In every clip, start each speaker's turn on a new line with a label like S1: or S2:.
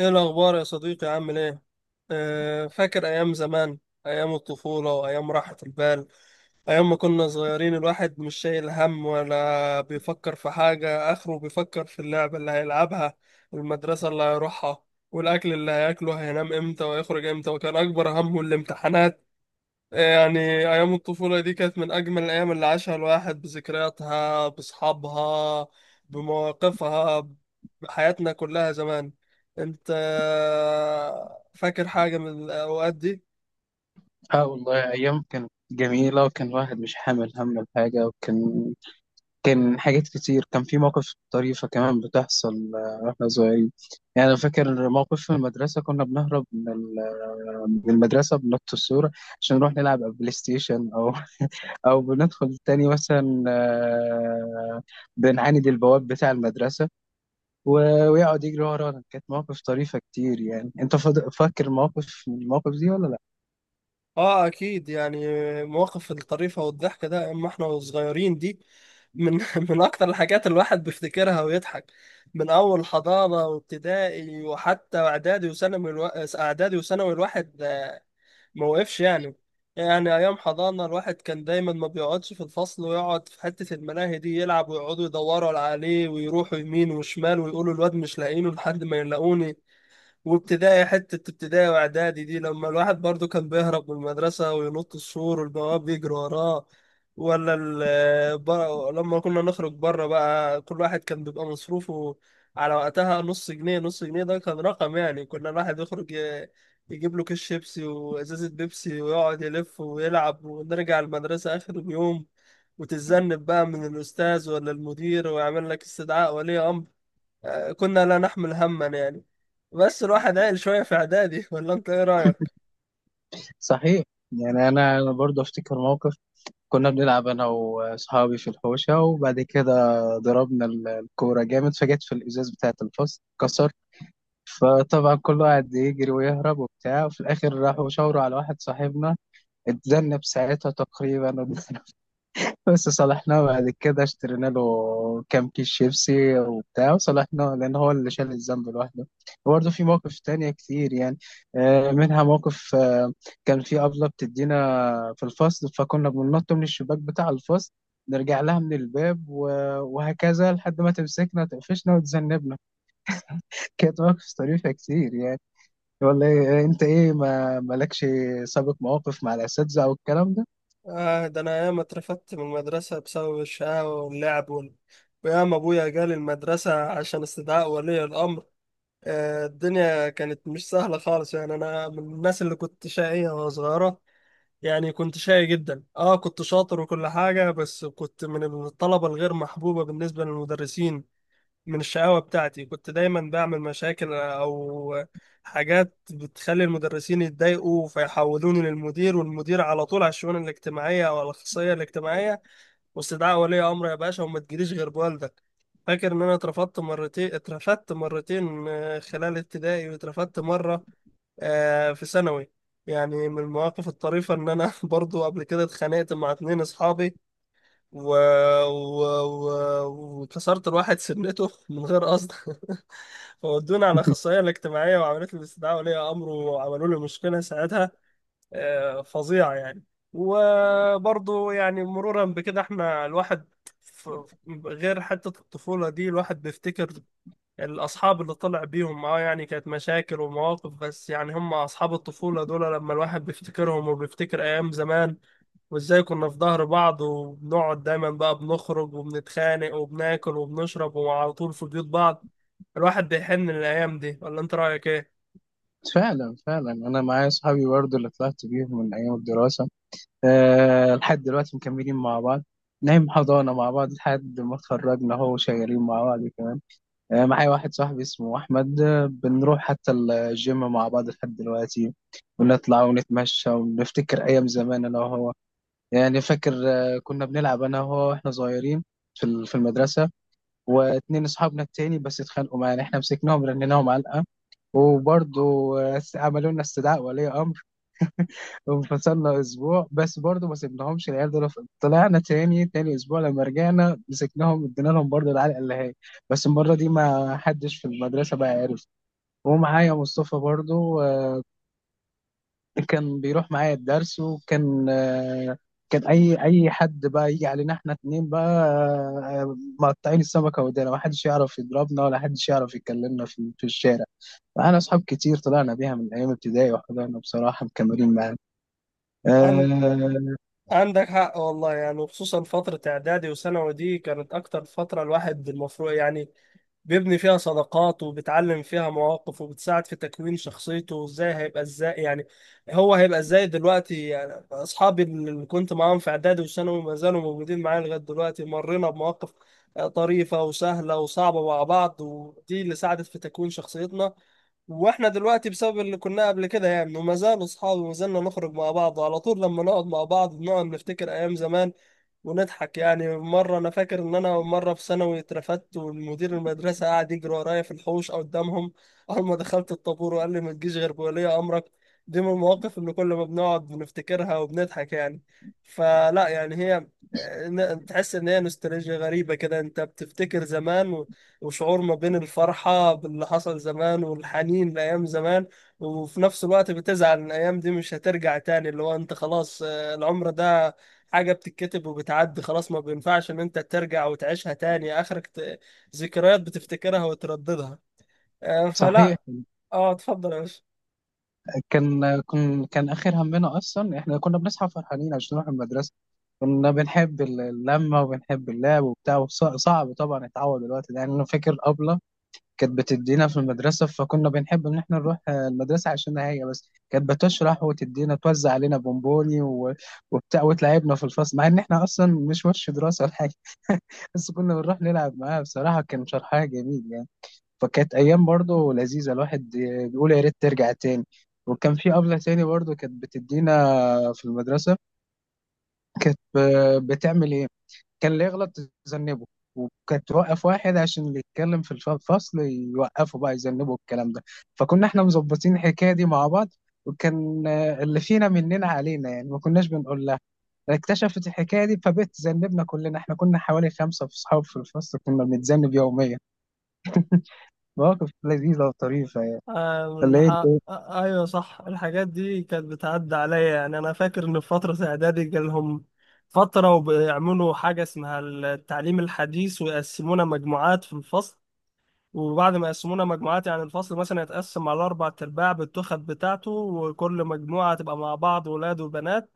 S1: ايه الاخبار يا صديقي؟ عامل ايه؟ أه، فاكر ايام زمان، ايام الطفوله وايام راحه البال، ايام ما كنا صغيرين الواحد مش شايل هم ولا بيفكر في حاجه اخره، بيفكر في اللعبه اللي هيلعبها والمدرسه اللي هيروحها والاكل اللي هياكله، هينام امتى ويخرج امتى، وكان اكبر همه الامتحانات. يعني أيام الطفولة دي كانت من أجمل الأيام اللي عاشها الواحد، بذكرياتها بأصحابها بمواقفها، بحياتنا كلها زمان. أنت فاكر حاجة من الأوقات دي؟
S2: اه والله ايام كانت جميله، وكان الواحد مش حامل هم الحاجه. وكان حاجات كتير. كان في مواقف طريفه كمان بتحصل واحنا صغيرين. يعني انا فاكر موقف في المدرسه. كنا بنهرب من المدرسه، بنط السور عشان نروح نلعب على البلاي ستيشن، او بندخل تاني مثلا بنعاند البواب بتاع المدرسه، ويقعد يجري ورانا. كانت مواقف طريفه كتير يعني. انت فاكر موقف من المواقف دي ولا لا؟
S1: آه أكيد يعني، مواقف الطريفة والضحكة ده أما إحنا صغيرين دي من من أكتر الحاجات الواحد بيفتكرها ويضحك، من أول حضانة وابتدائي وحتى إعدادي وثانوي الواحد ما وقفش يعني. يعني أيام حضانة الواحد كان دايما ما بيقعدش في الفصل، ويقعد في حتة الملاهي دي يلعب، ويقعدوا يدوروا عليه ويروحوا يمين وشمال ويقولوا الواد مش لاقيينه لحد ما يلاقوني. وابتدائي، حتة ابتدائي واعدادي دي لما الواحد برضو كان بيهرب من المدرسة وينط السور والبواب يجري وراه. لما كنا نخرج بره بقى كل واحد كان بيبقى مصروفه على وقتها نص جنيه، نص جنيه ده كان رقم يعني، كنا الواحد يخرج يجيب له كيس شيبسي وازازة بيبسي ويقعد يلف ويلعب، ونرجع المدرسة آخر اليوم وتتذنب بقى من الأستاذ ولا المدير، ويعمل لك استدعاء ولي أمر. آه، كنا لا نحمل هما يعني، بس الواحد عقل شوية في إعدادي. ولا أنت إيه رأيك؟
S2: صحيح. يعني انا برضه افتكر موقف. كنا بنلعب انا واصحابي في الحوشه، وبعد كده ضربنا الكوره جامد، فجت في الازاز بتاعه الفصل، اتكسر. فطبعا كل واحد يجري ويهرب وبتاع، وفي الاخر راحوا شاوروا على واحد صاحبنا، اتذنب ساعتها تقريبا. بس صلحناه بعد كده، اشترينا له كام كيس شيبسي وبتاع، وصلحناه لأن هو اللي شال الذنب لوحده. وبرضه في مواقف تانية كتير يعني. منها موقف، كان في أبلة بتدينا في الفصل، فكنا بننط من الشباك بتاع الفصل، نرجع لها من الباب وهكذا، لحد ما تمسكنا تقفشنا وتذنبنا. كانت مواقف طريفة كتير يعني. ولا انت ايه، ما مالكش سابق مواقف مع الأساتذة او الكلام ده؟
S1: آه ده أنا ياما اترفدت من المدرسة بسبب الشقاوة واللعب وياما أبويا جالي المدرسة عشان استدعاء ولي الأمر. آه، الدنيا كانت مش سهلة خالص يعني، أنا من الناس اللي كنت شقية وأنا صغيرة، يعني كنت شقي جدا، كنت شاطر وكل حاجة، بس كنت من الطلبة الغير محبوبة بالنسبة للمدرسين. من الشقاوة بتاعتي كنت دايما بعمل مشاكل أو حاجات بتخلي المدرسين يتضايقوا، فيحولوني للمدير، والمدير على طول على الشؤون الاجتماعية أو على الأخصائية الاجتماعية واستدعاء ولي أمر يا باشا، وما تجيليش غير بوالدك. فاكر إن أنا اترفضت مرتين، اترفدت مرتين خلال ابتدائي، واترفدت مرة في ثانوي. يعني من المواقف الطريفة إن أنا برضو قبل كده اتخانقت مع اتنين أصحابي و... و... وكسرت الواحد سنته من غير قصد. فودوني على الأخصائية الاجتماعية، وعملت لي استدعاء ولي أمر، وعملوا لي مشكلة ساعتها فظيعة يعني. وبرضه يعني مرورا بكده احنا الواحد، ف- غير حتة الطفولة دي الواحد بيفتكر الأصحاب اللي طلع بيهم، يعني كانت مشاكل ومواقف بس، يعني هم أصحاب الطفولة دول لما الواحد بيفتكرهم وبيفتكر أيام زمان، وازاي كنا في ظهر بعض، وبنقعد دايما بقى بنخرج وبنتخانق وبناكل وبنشرب، وعلى طول في بيوت بعض. الواحد بيحن للأيام دي. ولا انت رأيك ايه؟
S2: فعلا فعلا. انا معايا اصحابي برضه اللي طلعت بيهم من ايام الدراسه. أه، لحد دلوقتي مكملين مع بعض، نايم حضانه مع بعض لحد ما اتخرجنا، هو شغالين مع بعض كمان. أه، معايا واحد صاحبي اسمه احمد، بنروح حتى الجيم مع بعض لحد دلوقتي، ونطلع ونتمشى ونفتكر ايام زمان انا وهو. يعني فاكر، كنا بنلعب انا وهو واحنا صغيرين في في المدرسه، واتنين اصحابنا التاني بس اتخانقوا معانا، احنا مسكناهم رنيناهم علقه. وبرضه عملوا لنا استدعاء ولي امر، وانفصلنا اسبوع. بس برضه ما سيبناهمش العيال دول، طلعنا تاني. تاني اسبوع لما رجعنا مسكناهم، ادينا لهم برضه العلقه اللي هي، بس المره دي ما حدش في المدرسه بقى عارف. ومعايا مصطفى برضه، كان بيروح معايا الدرس، وكان، كان اي حد بقى يجي علينا احنا اتنين بقى، مقطعين السمكه ودانا. ما حدش يعرف يضربنا ولا حدش يعرف يكلمنا في الشارع. معانا أصحاب كتير طلعنا بيها من أيام ابتدائي وحضرنا بصراحة، مكملين معانا.
S1: عن...
S2: أه.
S1: عندك حق والله يعني، وخصوصا فترة إعدادي وثانوي دي كانت أكتر فترة الواحد المفروض يعني بيبني فيها صداقات، وبتعلم فيها مواقف، وبتساعد في تكوين شخصيته وازاي هيبقى، ازاي يعني هو هيبقى ازاي دلوقتي. يعني اصحابي اللي كنت معاهم في اعدادي وثانوي ما زالوا موجودين معايا لغايه دلوقتي، مرينا بمواقف طريفه وسهله وصعبه مع بعض، ودي اللي ساعدت في تكوين شخصيتنا، واحنا دلوقتي بسبب اللي كنا قبل كده يعني، وما زالوا اصحابي وما زلنا نخرج مع بعض، وعلى طول لما نقعد مع بعض بنقعد نفتكر ايام زمان ونضحك. يعني مرة أنا فاكر إن أنا مرة في ثانوي اترفدت، والمدير المدرسة قعد يجري ورايا في الحوش أو قدامهم أول ما دخلت الطابور، وقال لي ما تجيش غير بولي أمرك. دي من المواقف اللي كل ما بنقعد بنفتكرها وبنضحك يعني. فلا، يعني هي تحس إن هي نوستالجيا غريبة كده، أنت بتفتكر زمان، وشعور ما بين الفرحة باللي حصل زمان والحنين لأيام زمان، وفي نفس الوقت بتزعل إن الأيام دي مش هترجع تاني، اللي هو أنت خلاص، العمر ده حاجة بتتكتب وبتعدي خلاص، ما بينفعش ان انت ترجع وتعيشها تاني، اخرك ذكريات بتفتكرها وترددها
S2: صحيح.
S1: فلا. اه اتفضل يا باشا.
S2: كان آخر همنا أصلا، إحنا كنا بنصحى فرحانين عشان نروح المدرسة. كنا بنحب اللمة وبنحب اللعب وبتاع. صعب طبعا اتعود الوقت ده. يعني أنا فاكر أبلة كانت بتدينا في المدرسة، فكنا بنحب إن إحنا نروح المدرسة عشان هي بس كانت بتشرح وتدينا، توزع علينا بونبوني وبتاع، وتلعبنا في الفصل، مع إن إحنا أصلا مش وش دراسة ولا حاجة، بس كنا بنروح نلعب معاه. بصراحة كان شرحها جميل يعني، فكانت أيام برضه لذيذة. الواحد بيقول يا ريت ترجع تاني. وكان في أبلة تاني برضه كانت بتدينا في المدرسة، كانت بتعمل إيه؟ كان اللي يغلط تذنبه، وكانت توقف واحد عشان اللي يتكلم في الفصل يوقفه بقى، يذنبه الكلام ده. فكنا احنا مظبطين الحكاية دي مع بعض، وكان اللي فينا مننا علينا يعني، ما كناش بنقول لها. اكتشفت الحكايه دي فبقت تذنبنا كلنا. احنا كنا حوالي خمسه في صحاب في الفصل، كنا بنتذنب يوميا. مواقف لذيذه وطريفه يعني.
S1: آه
S2: ولا
S1: الح...
S2: ايه إنت؟
S1: آه ايوه صح، الحاجات دي كانت بتعدي عليا يعني، انا فاكر ان في فترة اعدادي جالهم فترة وبيعملوا حاجة اسمها التعليم الحديث، ويقسمونا مجموعات في الفصل، وبعد ما يقسمونا مجموعات يعني الفصل مثلا يتقسم على أربع أرباع بالتخت بتاعته، وكل مجموعة تبقى مع بعض ولاد وبنات،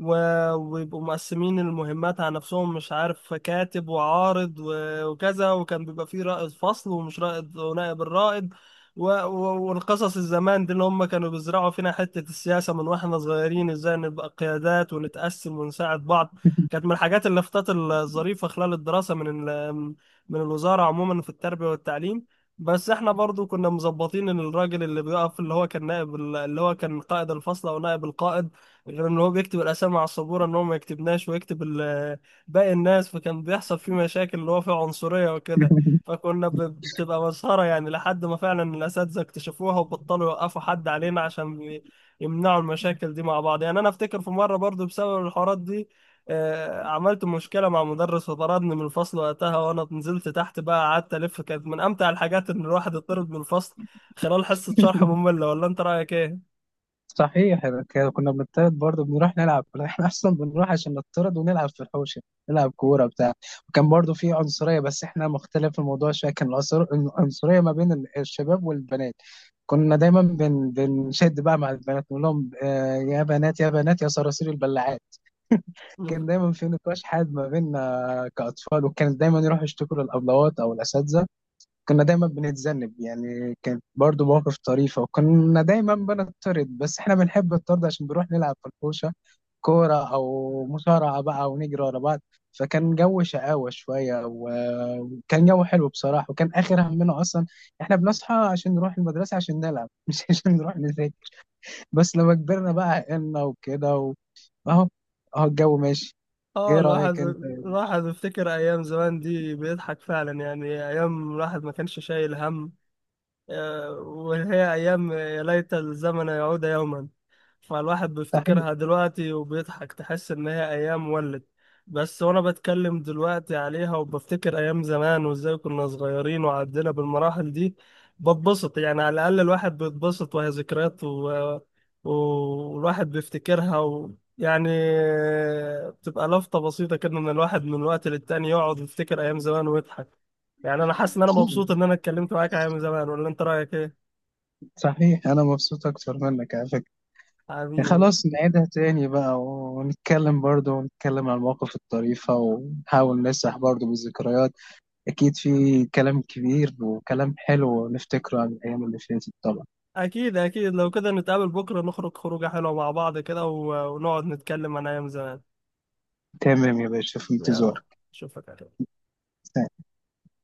S1: ويبقوا مقسمين المهمات على نفسهم، مش عارف، كاتب وعارض وكذا، وكان بيبقى فيه رائد فصل ومش رائد ونائب الرائد، والقصص الزمان دي اللي هم كانوا بيزرعوا فينا حتة السياسة من واحنا صغيرين، ازاي نبقى قيادات ونتقسم ونساعد بعض. كانت من الحاجات اللافتات الظريفة خلال الدراسة من الوزارة عموما في التربية والتعليم. بس احنا برضو كنا مظبطين ان الراجل اللي بيقف، اللي هو كان اللي هو كان قائد الفصل او نائب القائد، غير ان هو بيكتب الاسامي على السبوره، ان هو ما يكتبناش ويكتب باقي الناس، فكان بيحصل فيه مشاكل اللي هو فيه عنصريه وكده. فكنا بتبقى مسخره يعني، لحد ما فعلا الاساتذه اكتشفوها وبطلوا يوقفوا حد علينا عشان يمنعوا المشاكل دي مع بعض. يعني انا افتكر في مره برضو بسبب الحوارات دي عملت مشكله مع مدرس وطردني من الفصل وقتها، وانا نزلت تحت بقى قعدت الف. كانت من امتع الحاجات ان الواحد يطرد من الفصل خلال حصه شرح ممله. ولا انت رايك ايه؟
S2: صحيح. إحنا كنا بنطرد برضه بنروح نلعب. احنا اصلا بنروح عشان نطرد ونلعب في الحوشه، نلعب كوره بتاع. وكان برضه في عنصريه، بس احنا مختلف الموضوع شويه، كان العنصريه ما بين الشباب والبنات. كنا دايما بنشد بقى مع البنات، نقول لهم يا بنات يا بنات يا صراصير البلاعات. كان دايما في نقاش حاد ما بيننا كأطفال، وكانت دايما يروحوا يشتكوا للأبلوات أو الأساتذة. كنا دايما بنتذنب يعني، كانت برضو مواقف طريفة، وكنا دايما بنطرد. بس احنا بنحب الطرد عشان بنروح نلعب في الحوشة كورة أو مصارعة بقى، ونجري ورا بعض. فكان جو شقاوة شوية، وكان جو حلو بصراحة. وكان آخر همنا أصلا احنا بنصحى عشان نروح المدرسة عشان نلعب، مش عشان نروح نذاكر. بس لما كبرنا بقى عقلنا وكده أهو، أهو الجو ماشي.
S1: اه،
S2: إيه رأيك
S1: الواحد،
S2: أنت؟
S1: الواحد بيفتكر ايام زمان دي بيضحك فعلا، يعني ايام الواحد ما كانش شايل هم، وهي أيام يا ليت الزمن يعود يوما. فالواحد
S2: صحيح.
S1: بيفتكرها دلوقتي وبيضحك، تحس إن هي أيام ولد. بس وأنا بتكلم دلوقتي عليها وبفتكر أيام زمان، وإزاي كنا صغيرين وعدينا بالمراحل دي، بتبسط يعني، على الأقل الواحد بيتبسط وهي ذكريات، والواحد بيفتكرها يعني بتبقى لفتة بسيطة كده، إن الواحد من وقت للتاني يقعد يفتكر أيام زمان ويضحك. يعني انا حاسس ان انا مبسوط ان انا اتكلمت معاك يا من زمان. ولا انت رايك ايه؟
S2: صحيح، أنا مبسوط أكتر منك على فكرة. يعني
S1: حبيبي،
S2: خلاص نعيدها تاني بقى، ونتكلم برضه ونتكلم عن المواقف الطريفة، ونحاول نسرح برضه بالذكريات. أكيد في كلام كبير وكلام حلو نفتكره عن الأيام اللي فاتت طبعا.
S1: اكيد اكيد، لو كده نتقابل بكره نخرج خروجه حلوه مع بعض كده، ونقعد نتكلم عن ايام زمان.
S2: تمام يا باشا، في
S1: يلا،
S2: انتظارك.
S1: اشوفك على خير.